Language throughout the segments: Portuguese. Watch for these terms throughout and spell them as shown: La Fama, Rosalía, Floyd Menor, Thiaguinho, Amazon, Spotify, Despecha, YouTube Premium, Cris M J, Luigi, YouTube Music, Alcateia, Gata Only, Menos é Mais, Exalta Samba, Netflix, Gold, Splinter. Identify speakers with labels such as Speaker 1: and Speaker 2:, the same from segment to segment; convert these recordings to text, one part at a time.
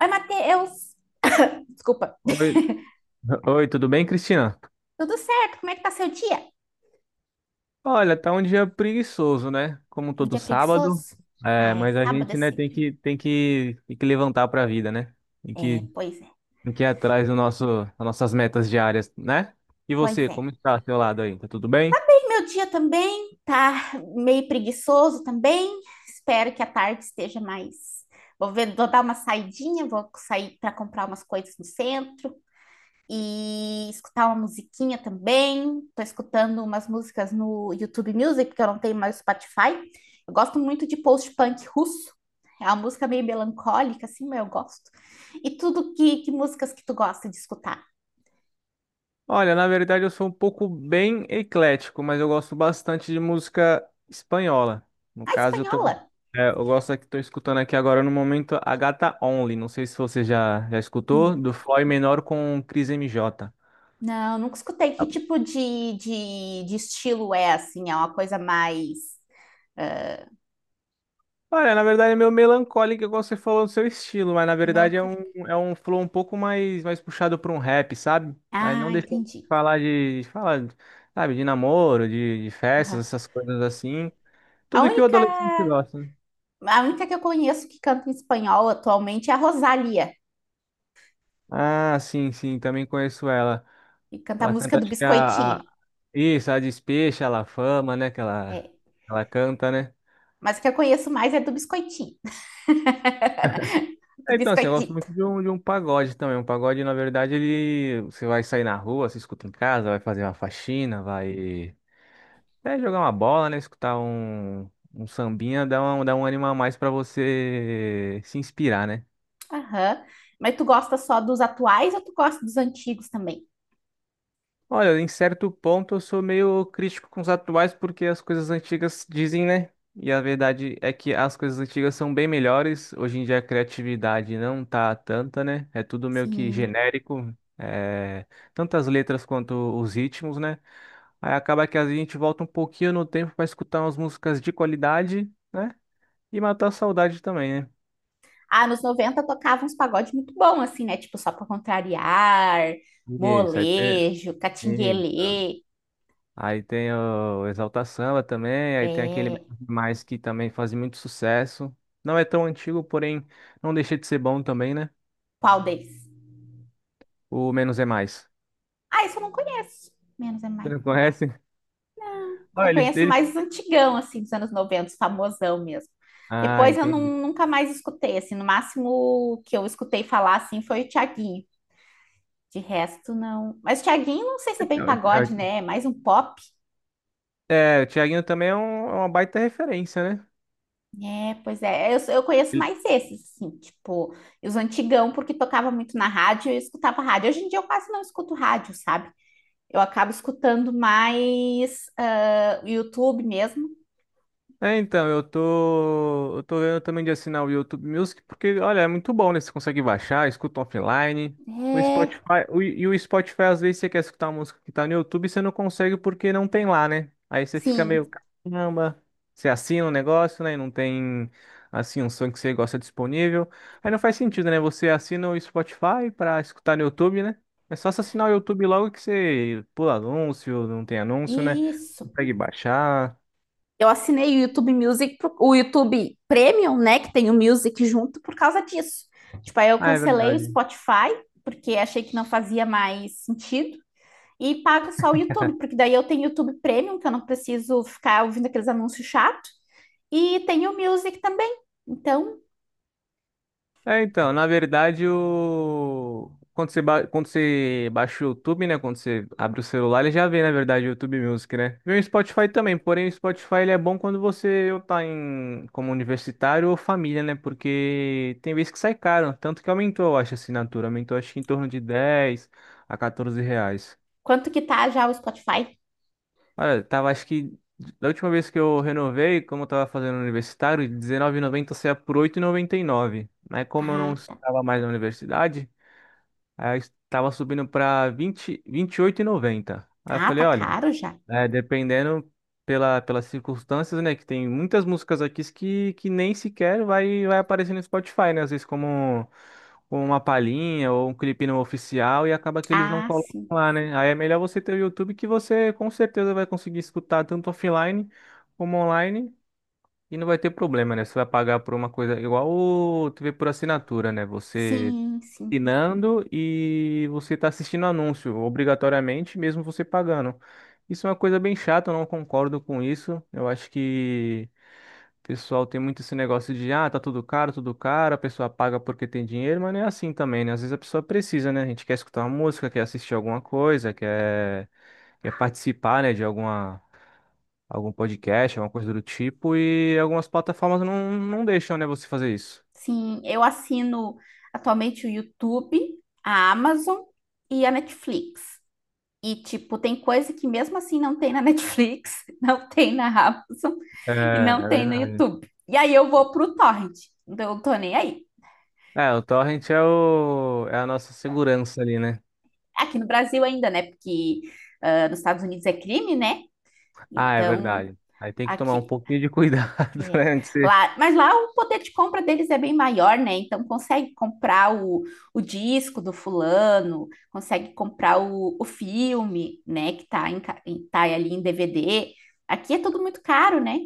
Speaker 1: Oi, Matheus! Desculpa.
Speaker 2: Oi, oi, tudo bem, Cristina?
Speaker 1: Tudo certo? Como é que tá seu dia?
Speaker 2: Olha, tá um dia preguiçoso, né? Como
Speaker 1: Um
Speaker 2: todo
Speaker 1: dia
Speaker 2: sábado.
Speaker 1: preguiçoso?
Speaker 2: É,
Speaker 1: Ah, é
Speaker 2: mas a
Speaker 1: sábado é
Speaker 2: gente, né, tem
Speaker 1: sempre.
Speaker 2: que tem que, tem que levantar pra vida, né? Tem
Speaker 1: É,
Speaker 2: que
Speaker 1: pois é,
Speaker 2: tem que ir atrás do nosso das nossas metas diárias, né? E
Speaker 1: pois
Speaker 2: você,
Speaker 1: é.
Speaker 2: como está ao seu lado aí? Tá tudo bem?
Speaker 1: E meu dia também tá meio preguiçoso também. Espero que a tarde esteja mais. Vou ver, vou dar uma saidinha, vou sair para comprar umas coisas no centro. E escutar uma musiquinha também. Tô escutando umas músicas no YouTube Music, porque eu não tenho mais Spotify. Eu gosto muito de post-punk russo. É uma música meio melancólica, assim, mas eu gosto. E tudo que músicas que tu gosta de escutar?
Speaker 2: Olha, na verdade eu sou um pouco bem eclético, mas eu gosto bastante de música espanhola. No
Speaker 1: A
Speaker 2: caso,
Speaker 1: espanhola?
Speaker 2: é, eu gosto aqui, tô escutando aqui agora no momento a Gata Only. Não sei se você já escutou,
Speaker 1: Hum,
Speaker 2: do Floyd Menor com Cris M J.
Speaker 1: Não, nunca escutei. Que tipo de estilo é, assim? É uma coisa mais... ah,
Speaker 2: Olha, na verdade é meio melancólico, igual você falou do seu estilo, mas na
Speaker 1: meio
Speaker 2: verdade é um,
Speaker 1: melancólica?
Speaker 2: é um flow um pouco mais puxado para um rap, sabe? Mas
Speaker 1: Ah,
Speaker 2: não deixa de
Speaker 1: entendi.
Speaker 2: falar de falar, sabe, de namoro, de festas,
Speaker 1: Aham.
Speaker 2: essas coisas assim.
Speaker 1: A
Speaker 2: Tudo que o
Speaker 1: única
Speaker 2: adolescente gosta, né?
Speaker 1: A única que eu conheço que canta em espanhol atualmente é a Rosalía,
Speaker 2: Ah, sim, sim, também conheço ela.
Speaker 1: que canta a
Speaker 2: Ela
Speaker 1: música
Speaker 2: canta,
Speaker 1: do
Speaker 2: acho que.
Speaker 1: Biscoitinho.
Speaker 2: Isso, a Despecha, a La Fama, né? Que ela,
Speaker 1: É,
Speaker 2: ela canta, né?
Speaker 1: mas o que eu conheço mais é do Biscoitinho. Do
Speaker 2: É, então, assim, eu gosto
Speaker 1: Biscoitito.
Speaker 2: muito de um pagode também. Um pagode, na verdade, ele. Você vai sair na rua, você escuta em casa, vai fazer uma faxina, vai. É, jogar uma bola, né? Escutar um sambinha, dá um ânimo a mais pra você se inspirar, né?
Speaker 1: Aham. Mas tu gosta só dos atuais ou tu gosta dos antigos também?
Speaker 2: Olha, em certo ponto eu sou meio crítico com os atuais porque as coisas antigas dizem, né? E a verdade é que as coisas antigas são bem melhores. Hoje em dia a criatividade não tá tanta, né? É tudo meio que
Speaker 1: Sim.
Speaker 2: genérico, é, tanto as letras quanto os ritmos, né? Aí acaba que a gente volta um pouquinho no tempo para escutar umas músicas de qualidade, né? E matar a saudade também, né?
Speaker 1: Ah, nos 90 tocava uns pagodes muito bons assim, né? Tipo, só pra contrariar,
Speaker 2: Isso, aí
Speaker 1: molejo,
Speaker 2: isso.
Speaker 1: catinguelê.
Speaker 2: Aí tem o Exalta Samba também, aí tem aquele
Speaker 1: É.
Speaker 2: mais que também faz muito sucesso. Não é tão antigo, porém não deixa de ser bom também, né?
Speaker 1: Qual deles?
Speaker 2: O Menos é Mais.
Speaker 1: Ah, isso eu não conheço. Menos é
Speaker 2: Você
Speaker 1: mais.
Speaker 2: não conhece? Ah,
Speaker 1: Eu
Speaker 2: eles,
Speaker 1: conheço
Speaker 2: eles...
Speaker 1: mais antigão, assim, dos anos 90 famosão mesmo.
Speaker 2: Ah,
Speaker 1: Depois eu
Speaker 2: entendi.
Speaker 1: nunca mais escutei, assim, no máximo que eu escutei falar, assim, foi o Thiaguinho. De resto, não. Mas o Thiaguinho, não sei se é bem
Speaker 2: Então,
Speaker 1: pagode, né? É mais um pop.
Speaker 2: é, o Thiaguinho também é uma baita referência, né?
Speaker 1: É, pois é. Eu conheço mais esses, assim, tipo, e os antigão, porque tocava muito na rádio e eu escutava rádio. Hoje em dia eu quase não escuto rádio, sabe? Eu acabo escutando mais o YouTube mesmo.
Speaker 2: É, então, eu tô vendo também de assinar o YouTube Music, porque, olha, é muito bom, né? Você consegue baixar, escuta offline. O
Speaker 1: É,
Speaker 2: Spotify, e o Spotify, às vezes, você quer escutar uma música que tá no YouTube e você não consegue porque não tem lá, né? Aí você fica meio,
Speaker 1: sim.
Speaker 2: caramba, você assina o negócio, né? E não tem, assim, um som que você gosta disponível. Aí não faz sentido, né? Você assina o Spotify pra escutar no YouTube, né? É só você assinar o YouTube logo que você pula anúncio, não tem anúncio, né?
Speaker 1: Isso.
Speaker 2: Consegue baixar.
Speaker 1: Eu assinei o YouTube Music, o YouTube Premium, né, que tem o Music junto por causa disso. Tipo, aí eu
Speaker 2: Ah, é
Speaker 1: cancelei o
Speaker 2: verdade.
Speaker 1: Spotify, porque achei que não fazia mais sentido, e pago só o YouTube, porque daí eu tenho o YouTube Premium, que eu não preciso ficar ouvindo aqueles anúncios chatos, e tenho o Music também. Então,
Speaker 2: É, então, na verdade, o... quando você, ba- quando você baixa o YouTube, né? Quando você abre o celular, ele já vê, na verdade, o YouTube Music, né? E o Spotify também, porém o Spotify ele é bom quando você ou tá em, como universitário ou família, né? Porque tem vezes que sai caro, tanto que aumentou, eu acho, a assinatura. Aumentou, acho que em torno de 10 a 14 reais.
Speaker 1: quanto que tá já o Spotify?
Speaker 2: Olha, tava, acho que da última vez que eu renovei, como eu tava fazendo universitário, R dezenove e R$19,90 saía por oito e noventa e nove. Mas como eu não
Speaker 1: Ah, tá.
Speaker 2: estava mais na universidade. Aí estava subindo para vinte vinte e oito e noventa. Aí eu
Speaker 1: Ah,
Speaker 2: falei,
Speaker 1: tá
Speaker 2: olha,
Speaker 1: caro já.
Speaker 2: é, dependendo pelas circunstâncias, né? Que tem muitas músicas aqui que nem sequer vai aparecer no Spotify, né? Às vezes como uma palhinha ou um clipe não oficial e acaba que eles não
Speaker 1: Ah,
Speaker 2: colocam
Speaker 1: sim.
Speaker 2: lá, né? Aí é melhor você ter o YouTube que você com certeza vai conseguir escutar tanto offline como online. E não vai ter problema, né? Você vai pagar por uma coisa igual o TV por assinatura, né? Você
Speaker 1: Sim, sim.
Speaker 2: assinando e você está assistindo anúncio, obrigatoriamente, mesmo você pagando. Isso é uma coisa bem chata, eu não concordo com isso. Eu acho que o pessoal tem muito esse negócio de, ah, tá tudo caro, a pessoa paga porque tem dinheiro, mas não é assim também, né? Às vezes a pessoa precisa, né? A gente quer escutar uma música, quer assistir alguma coisa, quer participar, né, de alguma. Algum podcast, alguma coisa do tipo, e algumas plataformas não deixam, né, você fazer isso.
Speaker 1: Sim, eu assino atualmente o YouTube, a Amazon e a Netflix. E, tipo, tem coisa que mesmo assim não tem na Netflix, não tem na Amazon
Speaker 2: É,
Speaker 1: e não
Speaker 2: é
Speaker 1: tem no
Speaker 2: verdade.
Speaker 1: YouTube. E aí eu vou pro torrent. Então eu tô nem aí.
Speaker 2: É, o torrent é a nossa segurança ali, né?
Speaker 1: Aqui no Brasil ainda, né? Porque nos Estados Unidos é crime, né?
Speaker 2: Ah, é
Speaker 1: Então,
Speaker 2: verdade. Aí tem que tomar um
Speaker 1: aqui,
Speaker 2: pouquinho de cuidado,
Speaker 1: É,
Speaker 2: né? Antes de.
Speaker 1: lá, mas lá o poder de compra deles é bem maior, né? Então consegue comprar o disco do fulano, consegue comprar o filme, né? Que tá, em tá ali em DVD. Aqui é tudo muito caro, né?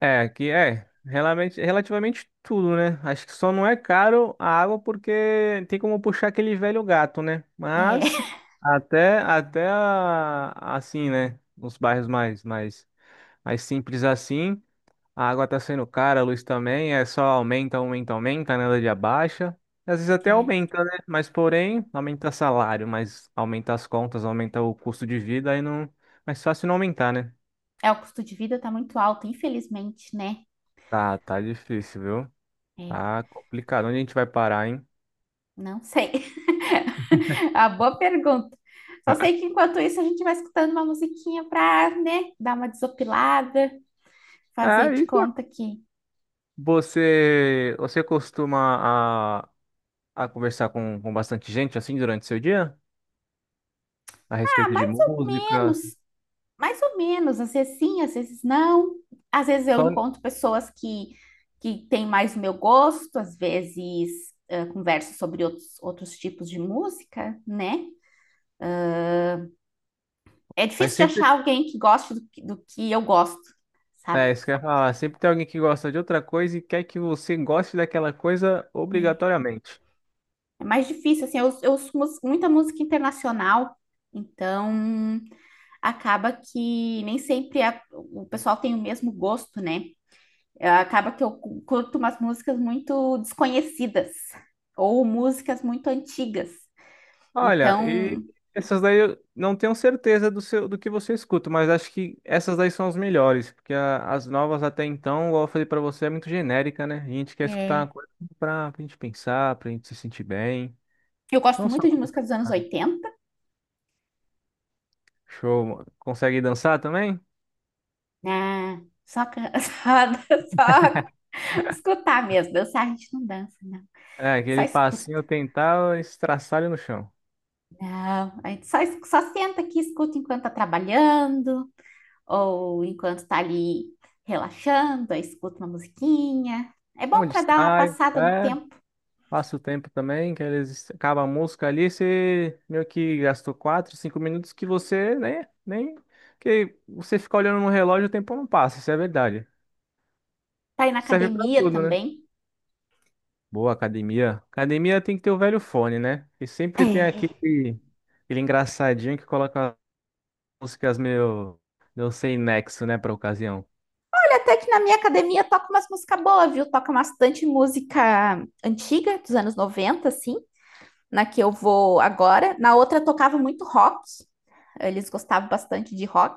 Speaker 2: É, que é relativamente tudo, né? Acho que só não é caro a água porque tem como puxar aquele velho gato, né?
Speaker 1: É,
Speaker 2: Mas até assim, né? Nos bairros mais simples assim. A água tá sendo cara, a luz também, é só aumenta, aumenta, aumenta, nada de abaixa. Às vezes até
Speaker 1: é.
Speaker 2: aumenta, né? Mas porém, aumenta salário, mas aumenta as contas, aumenta o custo de vida, aí não. Mais fácil não aumentar, né?
Speaker 1: É, o custo de vida tá muito alto, infelizmente, né?
Speaker 2: Tá, tá difícil, viu?
Speaker 1: É,
Speaker 2: Tá complicado. Onde a gente vai parar, hein?
Speaker 1: não sei. A boa pergunta. Só sei que enquanto isso a gente vai escutando uma musiquinha pra, né, dar uma desopilada, fazer
Speaker 2: É
Speaker 1: de
Speaker 2: isso.
Speaker 1: conta que
Speaker 2: Você costuma a, conversar com bastante gente assim durante seu dia? A respeito de música?
Speaker 1: menos. Mais ou menos, às vezes sim, às vezes não. Às vezes eu
Speaker 2: Só,
Speaker 1: encontro pessoas que têm mais o meu gosto, às vezes converso sobre outros tipos de música, né? É
Speaker 2: mas
Speaker 1: difícil de
Speaker 2: sempre.
Speaker 1: achar alguém que goste do que eu gosto, sabe?
Speaker 2: É, isso que eu ia falar. Sempre tem alguém que gosta de outra coisa e quer que você goste daquela coisa
Speaker 1: É
Speaker 2: obrigatoriamente.
Speaker 1: É mais difícil, assim, eu ouço muita música internacional, então acaba que nem sempre o pessoal tem o mesmo gosto, né? Acaba que eu curto umas músicas muito desconhecidas ou músicas muito antigas.
Speaker 2: Olha, e
Speaker 1: Então,
Speaker 2: essas daí eu não tenho certeza do seu, do que você escuta, mas acho que essas daí são as melhores, porque as novas até então, igual eu falei pra você, é muito genérica, né? A gente quer escutar uma
Speaker 1: é,
Speaker 2: coisa pra gente pensar, pra gente se sentir bem.
Speaker 1: eu gosto
Speaker 2: Não só
Speaker 1: muito de
Speaker 2: pra
Speaker 1: músicas dos anos
Speaker 2: escutar.
Speaker 1: oitenta,
Speaker 2: Show, mano. Consegue dançar também?
Speaker 1: né? Só, só escutar mesmo. Dançar a gente não dança, não.
Speaker 2: É,
Speaker 1: Só
Speaker 2: aquele passinho
Speaker 1: escuta.
Speaker 2: tentar estraçalho no chão.
Speaker 1: Não, só senta aqui e escuta enquanto tá trabalhando ou enquanto tá ali relaxando, aí escuta uma musiquinha. É bom
Speaker 2: Onde
Speaker 1: para dar uma
Speaker 2: sai?
Speaker 1: passada no
Speaker 2: É.
Speaker 1: tempo.
Speaker 2: Passa o tempo também, que eles acabam a música ali, você meio que gastou 4 5 minutos que você nem que você fica olhando no relógio, o tempo não passa, isso é verdade.
Speaker 1: Tá aí na
Speaker 2: Serve pra
Speaker 1: academia
Speaker 2: tudo, né?
Speaker 1: também.
Speaker 2: Boa academia. Academia tem que ter o velho fone, né? E sempre tem
Speaker 1: É,
Speaker 2: aquele engraçadinho que coloca músicas meio, não sei nexo, né, pra ocasião.
Speaker 1: até que na minha academia toca umas músicas boas, viu? Toca bastante música antiga, dos anos 90 assim, na que eu vou agora. Na outra tocava muito rock, eles gostavam bastante de rock,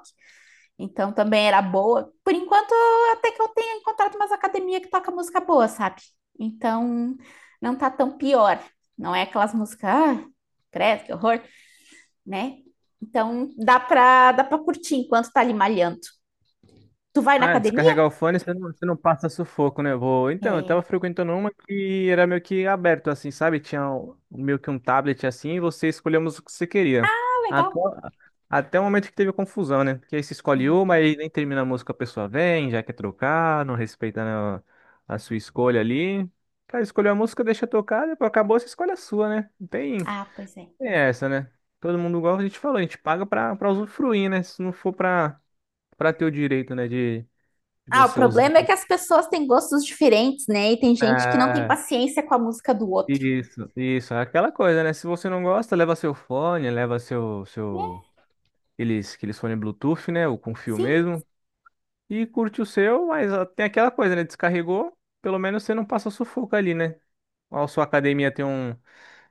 Speaker 1: então também era boa. Por enquanto, até que eu tenho encontrado umas academias que toca música boa, sabe? Então não tá tão pior. Não é aquelas músicas, ah, credo, que horror, né? Então dá pra curtir enquanto tá ali malhando. Tu vai na
Speaker 2: Ah,
Speaker 1: academia?
Speaker 2: descarregar o fone, você não passa sufoco, né? Vou. Então, eu tava
Speaker 1: É.
Speaker 2: frequentando uma que era meio que aberto, assim, sabe? Tinha meio que um tablet, assim, e você escolhia a música que você queria.
Speaker 1: Ah,
Speaker 2: Até,
Speaker 1: legal.
Speaker 2: até o momento que teve confusão, né? Porque aí você escolhe uma e nem termina a música, a pessoa vem, já quer trocar, não respeita, né, a sua escolha ali. Cara, escolheu a música, deixa tocar, depois acabou, você escolhe a sua, né? Não tem,
Speaker 1: Ah, pois é.
Speaker 2: tem essa, né? Todo mundo, igual a gente falou, a gente paga pra usufruir, né? Se não for pra ter o direito, né, de se
Speaker 1: Ah, o
Speaker 2: você
Speaker 1: problema é
Speaker 2: usando.
Speaker 1: que as pessoas têm gostos diferentes, né? E tem gente que não tem
Speaker 2: É,
Speaker 1: paciência com a música do outro.
Speaker 2: isso, isso. É aquela coisa, né? Se você não gosta, leva seu fone, leva seu,
Speaker 1: É,
Speaker 2: seu, aqueles, aqueles fone Bluetooth, né? Ou com fio
Speaker 1: sim,
Speaker 2: mesmo. E curte o seu, mas ó, tem aquela coisa, né? Descarregou, pelo menos você não passa sufoco ali, né? A sua academia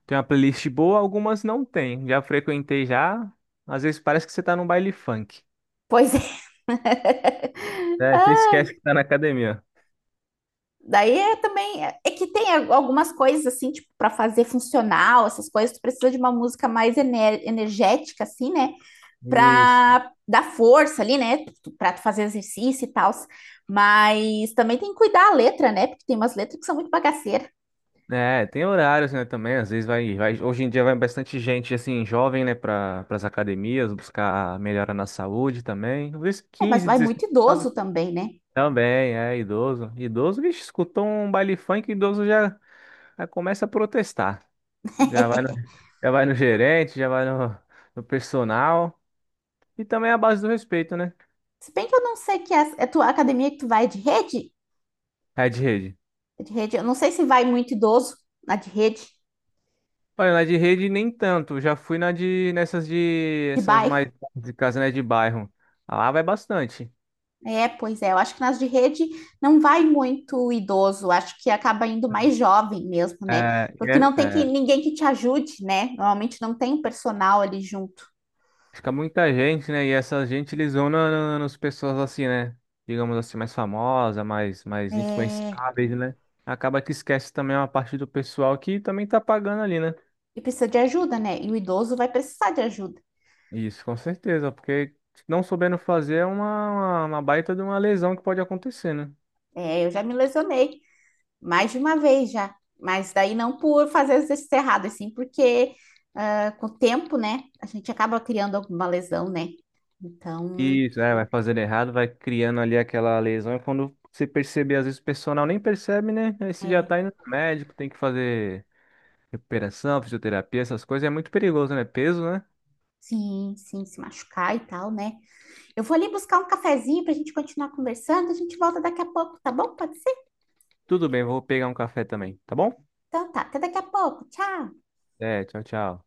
Speaker 2: tem uma playlist boa, algumas não tem. Já frequentei já. Às vezes parece que você tá num baile funk.
Speaker 1: pois é.
Speaker 2: É, você
Speaker 1: Ah,
Speaker 2: esquece que tá na academia.
Speaker 1: daí é também é que tem algumas coisas assim, tipo, para fazer funcional, essas coisas, tu precisa de uma música mais energética assim, né?
Speaker 2: Isso.
Speaker 1: Pra dar força ali, né? Pra tu fazer exercício e tal. Mas também tem que cuidar a letra, né? Porque tem umas letras que são muito bagaceiras.
Speaker 2: É, tem horários, né, também, às vezes hoje em dia vai bastante gente, assim, jovem, né, para as academias, buscar melhora na saúde também, às vezes
Speaker 1: É, mas
Speaker 2: 15
Speaker 1: vai
Speaker 2: 16
Speaker 1: muito
Speaker 2: anos
Speaker 1: idoso também, né?
Speaker 2: também, é, idoso, idoso, vixe, escutou um baile funk, idoso já começa a protestar, já vai no, já vai no gerente, já vai no personal, e também a base do respeito, né,
Speaker 1: Se bem que eu não sei que é a tua academia que tu vai é de rede,
Speaker 2: é de rede.
Speaker 1: é de rede, eu não sei se vai muito idoso na de rede,
Speaker 2: Olha, na de rede nem tanto, já fui na de, nessas de,
Speaker 1: de
Speaker 2: essas
Speaker 1: bairro.
Speaker 2: mais de casa, né, de bairro, lá vai bastante.
Speaker 1: É, pois é, eu acho que nas de rede não vai muito idoso, acho que acaba indo mais jovem mesmo, né?
Speaker 2: É, e
Speaker 1: Porque não tem que, ninguém que te ajude, né? Normalmente não tem um personal ali junto.
Speaker 2: fica muita gente, né? E essa gente eles vão nas pessoas assim, né? Digamos assim, mais famosa, mais
Speaker 1: É,
Speaker 2: influenciáveis, né? Acaba que esquece também uma parte do pessoal que também tá pagando ali, né?
Speaker 1: e precisa de ajuda, né? E o idoso vai precisar de ajuda.
Speaker 2: Isso, com certeza, porque não soubendo fazer é uma baita de uma lesão que pode acontecer, né?
Speaker 1: É, eu já me lesionei mais de uma vez já, mas daí não por fazer exercício errado, assim, porque ah, com o tempo, né, a gente acaba criando alguma lesão, né? Então,
Speaker 2: Isso, é, vai fazendo errado, vai criando ali aquela lesão, e quando você perceber, às vezes o pessoal nem percebe, né? Aí você já
Speaker 1: é,
Speaker 2: tá indo no médico, tem que fazer recuperação, fisioterapia, essas coisas é muito perigoso, né? Peso, né?
Speaker 1: sim, sim, se machucar e tal, né? Eu vou ali buscar um cafezinho pra gente continuar conversando, a gente volta daqui a pouco, tá bom? Pode ser?
Speaker 2: Tudo bem, vou pegar um café também, tá bom?
Speaker 1: Então tá, até daqui a pouco, tchau!
Speaker 2: É, tchau, tchau.